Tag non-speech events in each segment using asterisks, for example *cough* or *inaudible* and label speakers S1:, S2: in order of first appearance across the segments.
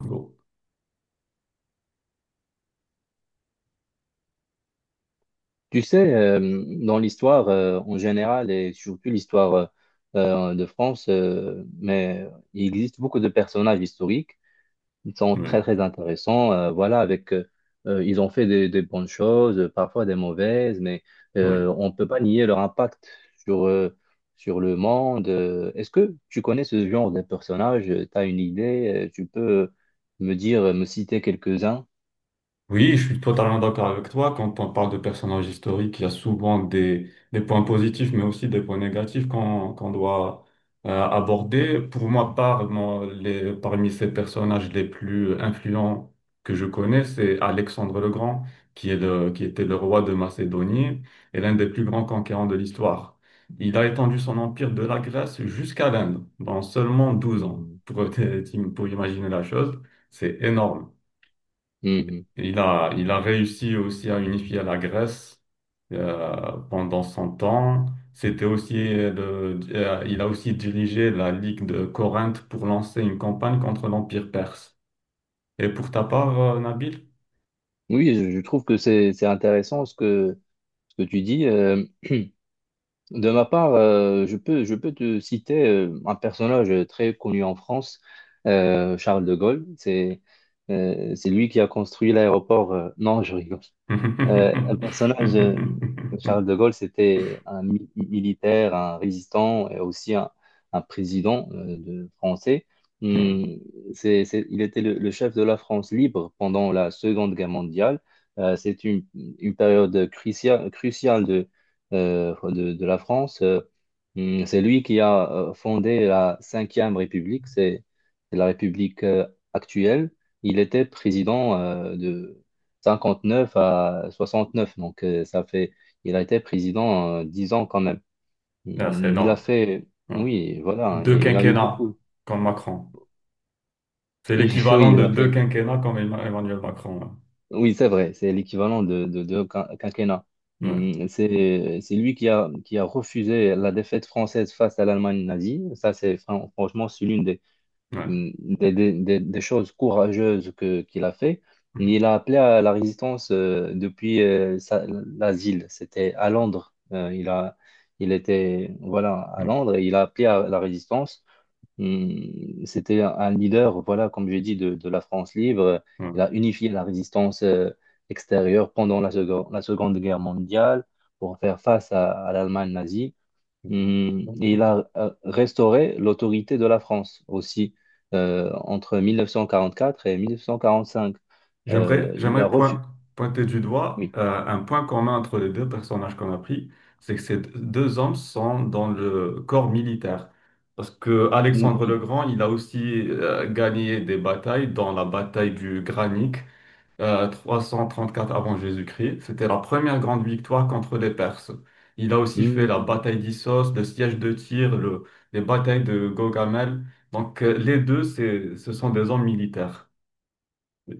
S1: Bon.
S2: Tu sais, dans l'histoire en général et surtout l'histoire de France, mais il existe beaucoup de personnages historiques. Ils sont très
S1: Oui,
S2: très intéressants. Voilà, avec ils ont fait des bonnes choses, parfois des mauvaises, mais
S1: oui.
S2: on ne peut pas nier leur impact sur euh, sur le monde. Est-ce que tu connais ce genre de personnages? Tu as une idée? Tu peux me dire, me citer quelques-uns?
S1: Oui, je suis totalement d'accord avec toi. Quand on parle de personnages historiques, il y a souvent des points positifs, mais aussi des points négatifs qu'on doit aborder. Pour ma part, moi, parmi ces personnages les plus influents que je connais, c'est Alexandre le Grand, qui était le roi de Macédonie et l'un des plus grands conquérants de l'histoire. Il a étendu son empire de la Grèce jusqu'à l'Inde dans seulement 12 ans, *laughs* pour imaginer la chose. C'est énorme.
S2: Mhm.
S1: Il a réussi aussi à unifier la Grèce pendant son temps. C'était aussi il a aussi dirigé la Ligue de Corinthe pour lancer une campagne contre l'Empire perse. Et pour ta part, Nabil?
S2: Oui, je trouve que c'est intéressant ce que tu dis. De ma part, je peux te citer un personnage très connu en France, Charles de Gaulle. C'est lui qui a construit l'aéroport. Non, je rigole. Un personnage, Charles de
S1: *laughs*
S2: Gaulle, c'était un militaire, un résistant et aussi un président français.
S1: Ouais.
S2: Hum, il était le chef de la France libre pendant la Seconde Guerre mondiale. C'est une période cruciale, cruciale de la France. C'est lui qui a fondé la Cinquième République, c'est la République actuelle. Il était président de 59 à 69. Donc, ça fait, il a été président 10 ans quand même.
S1: Ah, c'est
S2: Mmh, il a
S1: énorme.
S2: fait,
S1: Ouais.
S2: oui, voilà,
S1: Deux
S2: et il a eu
S1: quinquennats
S2: beaucoup. *laughs*
S1: comme Macron. C'est
S2: Oui, oui,
S1: l'équivalent
S2: il
S1: de
S2: a
S1: deux
S2: fait.
S1: quinquennats comme Emmanuel Macron.
S2: Oui, c'est vrai, c'est l'équivalent de quinquennat.
S1: Ouais.
S2: C'est lui qui a refusé la défaite française face à l'Allemagne nazie. Ça, c'est franchement, c'est l'une
S1: Ouais. Ouais.
S2: des, des choses courageuses qu'il a fait. Il a appelé à la résistance depuis l'asile. C'était à Londres. Il était voilà, à
S1: Mm-hmm.
S2: Londres et il a appelé à la résistance. C'était un leader, voilà, comme j'ai dit, de la France libre.
S1: Ouais.
S2: Il a unifié la résistance extérieure pendant la Seconde Guerre mondiale pour faire face à l'Allemagne nazie.
S1: Ouais.
S2: Et il a restauré l'autorité de la France aussi entre 1944 et 1945.
S1: J'aimerais,
S2: Il a
S1: j'aimerais
S2: refusé.
S1: point- pointer du doigt
S2: Oui,
S1: un point commun entre les deux personnages qu'on a pris, c'est que ces deux hommes sont dans le corps militaire. Parce que Alexandre le
S2: oui,
S1: Grand, il a aussi gagné des batailles, dans la bataille du Granik, euh, 4 avant Jésus-Christ. C'était la première grande victoire contre les Perses. Il a aussi fait la
S2: Hmm,
S1: bataille d'Issos, le siège de Tyr, les batailles de Gogamel. Donc les deux, c'est, ce sont des hommes militaires.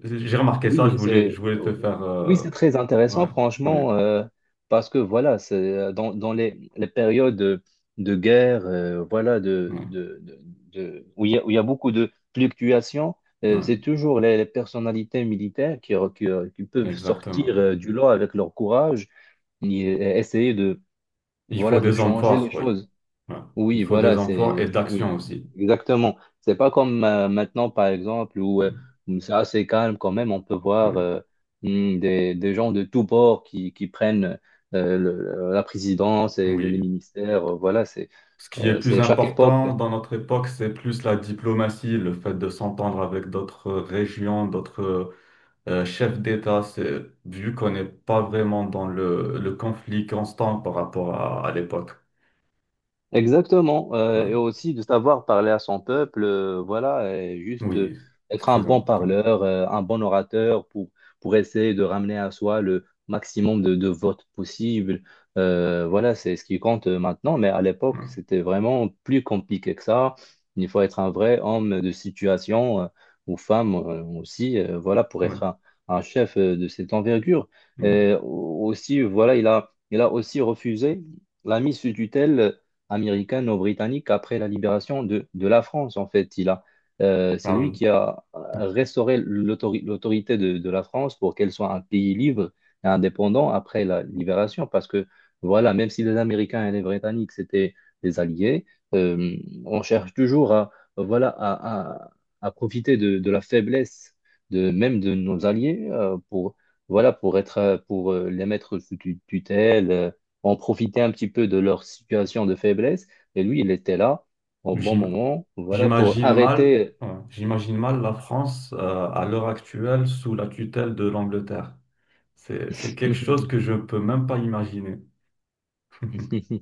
S1: J'ai remarqué ça, je
S2: oui,
S1: voulais, je
S2: c'est,
S1: voulais te faire.
S2: oui, c'est très
S1: Ouais,
S2: intéressant,
S1: oui,
S2: franchement, parce que voilà, c'est dans les périodes de guerre, voilà,
S1: ouais,
S2: où il y a, beaucoup de fluctuations.
S1: ouais,
S2: C'est toujours les personnalités militaires qui peuvent
S1: exactement.
S2: sortir du lot avec leur courage essayer de
S1: Il faut
S2: voilà de
S1: des hommes
S2: changer les
S1: forts, oui.
S2: choses.
S1: Ouais. Il
S2: Oui,
S1: faut des
S2: voilà,
S1: hommes forts
S2: c'est,
S1: et d'action
S2: oui,
S1: aussi.
S2: exactement. C'est pas comme maintenant par exemple où
S1: Oui,
S2: c'est assez calme quand même, on peut voir
S1: oui,
S2: des gens de tous bords qui prennent la présidence et les
S1: oui.
S2: ministères, voilà,
S1: Ce qui est plus
S2: c'est chaque époque.
S1: important dans notre époque, c'est plus la diplomatie, le fait de s'entendre avec d'autres régions, d'autres chefs d'État. C'est, vu qu'on n'est pas vraiment dans le conflit constant par rapport à l'époque.
S2: Exactement,
S1: Ouais.
S2: et aussi de savoir parler à son peuple, voilà, et juste
S1: Oui, c'est
S2: être un
S1: très
S2: bon
S1: important.
S2: parleur, un bon orateur pour essayer de ramener à soi le maximum de votes possible. Voilà, c'est ce qui compte maintenant, mais à l'époque,
S1: Ouais,
S2: c'était vraiment plus compliqué que ça. Il faut être un vrai homme de situation, ou femme aussi, voilà, pour
S1: ouais,
S2: être un chef de cette envergure.
S1: oui.
S2: Et aussi, voilà, il a aussi refusé la mise sous tutelle américano-britannique après la libération de la France, en fait. C'est
S1: Ah
S2: lui
S1: oui.
S2: qui a restauré l'autorité de la France pour qu'elle soit un pays libre et indépendant après la libération, parce que, voilà, même si les Américains et les Britanniques, c'était des alliés, euh, on cherche toujours voilà, à profiter de la faiblesse de, même de nos alliés pour, voilà, pour, être, pour les mettre sous tutelle on profitait un petit peu de leur situation de faiblesse. Et lui, il était là au bon
S1: J'im-
S2: moment, voilà, pour
S1: J'imagine mal,
S2: arrêter.
S1: hein, j'imagine mal la France à l'heure actuelle sous la tutelle de l'Angleterre. C'est quelque chose que je
S2: *laughs*
S1: peux même pas imaginer. *laughs*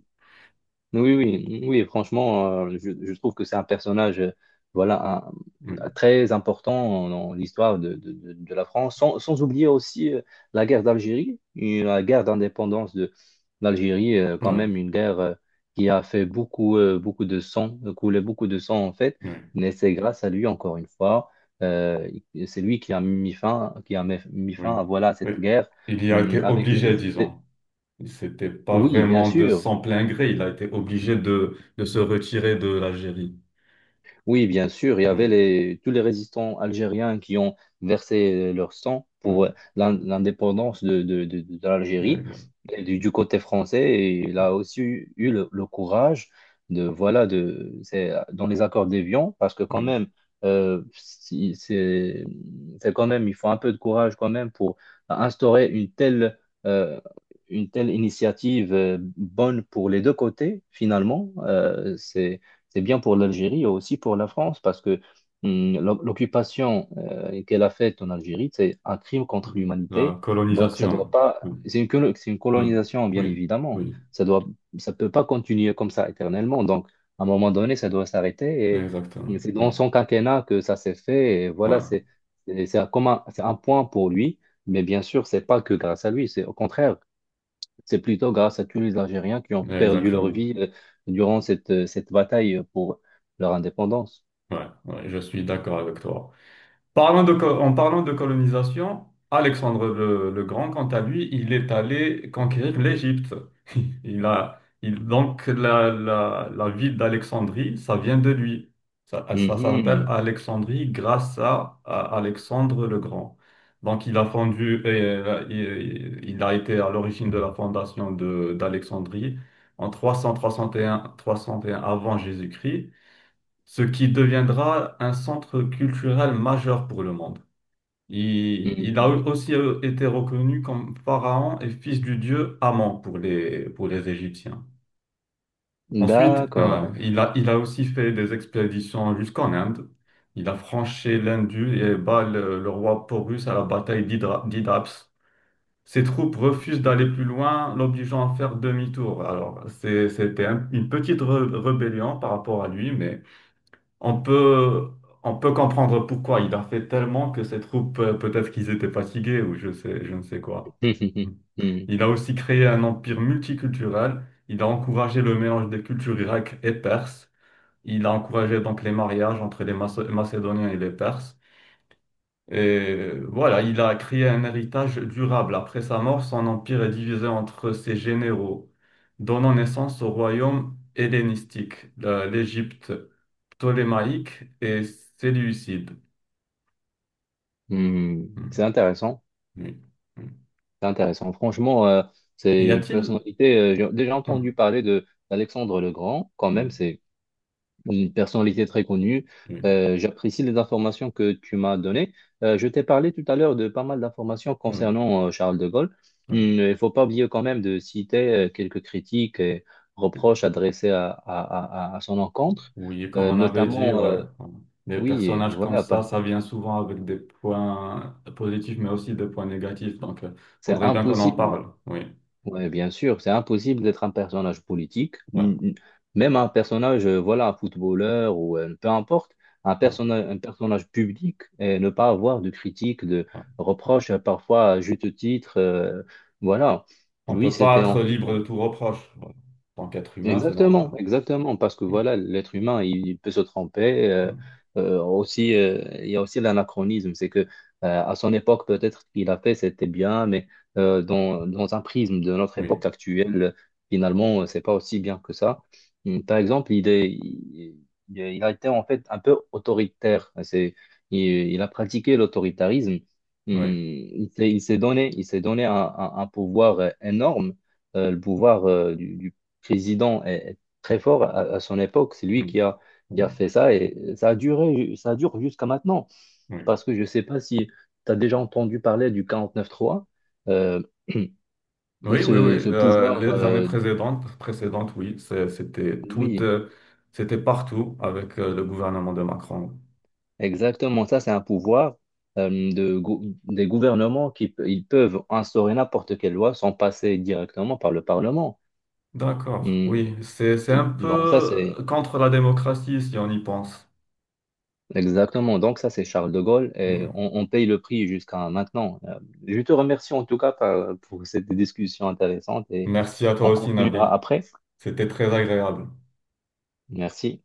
S2: Oui, oui, oui, franchement, je trouve que c'est un personnage, voilà,
S1: Oui,
S2: très important dans l'histoire de la France, sans oublier aussi la guerre d'Algérie, et la guerre d'indépendance de l'Algérie, quand
S1: ouais,
S2: même une guerre qui a fait beaucoup, beaucoup de sang, coulé beaucoup de sang en fait,
S1: oui,
S2: mais c'est grâce à lui, encore une fois, euh, c'est lui qui a mis fin, qui a mis mis
S1: oui,
S2: fin à voilà,
S1: oui.
S2: cette guerre,
S1: Il y a été
S2: avec les,
S1: obligé,
S2: les-
S1: disons. C'était pas
S2: Oui, bien
S1: vraiment de
S2: sûr.
S1: son plein gré. Il a été obligé de se retirer de l'Algérie.
S2: Oui, bien sûr, il y avait
S1: Oui,
S2: tous les résistants algériens qui ont versé leur sang
S1: oui,
S2: pour l'indépendance de l'Algérie.
S1: oui,
S2: Et Du côté français, et il a aussi eu le courage de, voilà, de, c'est dans les accords d'Évian, parce que quand
S1: oui.
S2: même, euh, si- c'est c'est quand même, il faut un peu de courage quand même pour instaurer euh, une telle initiative bonne pour les deux côtés, finalement. C'est bien pour l'Algérie et aussi pour la France parce que l'occupation qu'elle a faite en Algérie, c'est un crime contre
S1: La
S2: l'humanité. Donc, ça
S1: colonisation.
S2: doit pas.
S1: Oui,
S2: C'est une
S1: oui,
S2: colonisation, bien
S1: oui,
S2: évidemment.
S1: oui,
S2: Ça doit, ça peut pas continuer comme ça éternellement. Donc, à un moment donné, ça doit s'arrêter.
S1: exactement.
S2: Et c'est
S1: Oui,
S2: dans son quinquennat que ça s'est fait. Et voilà,
S1: ouais,
S2: c'est un point pour lui. Mais bien sûr, c'est pas que grâce à lui. C'est au contraire. C'est plutôt grâce à tous les Algériens qui ont perdu leur
S1: exactement.
S2: vie durant cette bataille pour leur indépendance.
S1: Ouais, ouais, je suis d'accord avec toi. Parlant de, co- en parlant de colonisation, Alexandre le Grand, quant à lui, il est allé conquérir l'Égypte. Donc la ville d'Alexandrie, ça vient de lui. Ça s'appelle
S2: Mhm,
S1: Alexandrie grâce à Alexandre le Grand. Donc il a fondu, il a été à l'origine de la fondation de, d'Alexandrie en trois cent soixante et un 301 avant Jésus-Christ, ce qui deviendra un centre culturel majeur pour le monde. Il a
S2: mhm.
S1: aussi été reconnu comme pharaon et fils du dieu Amon pour les Égyptiens. Ensuite,
S2: D'accord.
S1: il a aussi fait des expéditions jusqu'en Inde. Il a franchi l'Indus et bat le roi Porus à la bataille d'Hydaps. Ses troupes refusent d'aller plus loin, l'obligeant à faire demi-tour. Alors, c'était une petite rébellion par rapport à lui, mais on peut, on peut comprendre pourquoi. Il a fait tellement que ses troupes, peut-être qu'ils étaient fatigués ou je ne sais quoi.
S2: *laughs* Mhm,
S1: Il a aussi créé un empire multiculturel. Il a encouragé le mélange des cultures grecques et perses. Il a encouragé donc les mariages entre les Macédoniens et les Perses. Et voilà, il a créé un héritage durable. Après sa mort, son empire est divisé entre ses généraux, donnant naissance au royaume hellénistique, l'Égypte. Tolémaïque et Séleucide.
S2: mhm.
S1: Hmm.
S2: C'est intéressant.
S1: Oui. Hmm.
S2: C'est intéressant. Franchement,
S1: Y
S2: c'est une
S1: a-t-il?
S2: personnalité. J'ai déjà
S1: Hmm.
S2: entendu parler de d'Alexandre le Grand. Quand même,
S1: Hmm.
S2: c'est une personnalité très connue.
S1: Oui.
S2: J'apprécie les informations que tu m'as données. Je t'ai parlé tout à l'heure de pas mal d'informations
S1: Oui.
S2: concernant Charles de Gaulle.
S1: Oui.
S2: Il ne faut pas oublier quand même de citer quelques critiques et
S1: Oui,
S2: reproches adressés à son encontre.
S1: oui, comme
S2: Euh,
S1: on avait dit, ouais.
S2: notamment, euh,
S1: Voilà. Des
S2: oui,
S1: personnages comme
S2: voilà,
S1: ça vient souvent avec des points positifs, mais aussi des points négatifs. Donc, il
S2: c'est
S1: faudrait bien qu'on en
S2: impossible.
S1: parle. Oui.
S2: Oui, bien sûr, c'est impossible d'être un personnage politique,
S1: Ouais.
S2: même un personnage, voilà, un footballeur ou peu importe,
S1: On
S2: un personnage public et ne pas avoir de critiques, de reproches, parfois à juste titre. Voilà,
S1: ne
S2: lui,
S1: peut pas
S2: c'était en
S1: être
S2: fait.
S1: libre de tout reproche. Ouais. En tant qu'être humain, c'est normal.
S2: Exactement, exactement, parce que
S1: Hmm.
S2: voilà, l'être humain, il peut se tromper. euh,
S1: Hmm.
S2: euh, aussi, il y a aussi l'anachronisme, c'est que à son époque, peut-être ce qu'il a fait, c'était bien, mais dans un prisme de notre
S1: Oui.
S2: époque actuelle, finalement, c'est pas aussi bien que ça. Par exemple, il est, il a été en fait un peu autoritaire. Il a pratiqué l'autoritarisme.
S1: Oui.
S2: Il s'est donné un pouvoir énorme le pouvoir du président est très fort à son époque. C'est lui
S1: Hmm.
S2: qui
S1: Oui.
S2: a fait ça et ça a duré, ça dure jusqu'à maintenant.
S1: Oui.
S2: Parce que je ne sais pas si tu as déjà entendu parler du 49-3, euh, *clears throat*
S1: Oui, oui, oui.
S2: ce
S1: Euh,
S2: pouvoir,
S1: les années précédentes, oui,
S2: oui,
S1: c'était partout avec le gouvernement de Macron.
S2: exactement. Ça, c'est un pouvoir des gouvernements ils peuvent instaurer n'importe quelle loi sans passer directement par le Parlement.
S1: D'accord,
S2: Hum,
S1: oui, c'est un
S2: oui, bon, ça,
S1: peu
S2: c'est.
S1: contre la démocratie si on y pense.
S2: Exactement. Donc ça, c'est Charles de Gaulle et
S1: Mm.
S2: on paye le prix jusqu'à maintenant. Je te remercie en tout cas pour cette discussion intéressante et
S1: Merci à toi
S2: on
S1: aussi,
S2: continuera
S1: Nabil.
S2: après.
S1: C'était très agréable.
S2: Merci.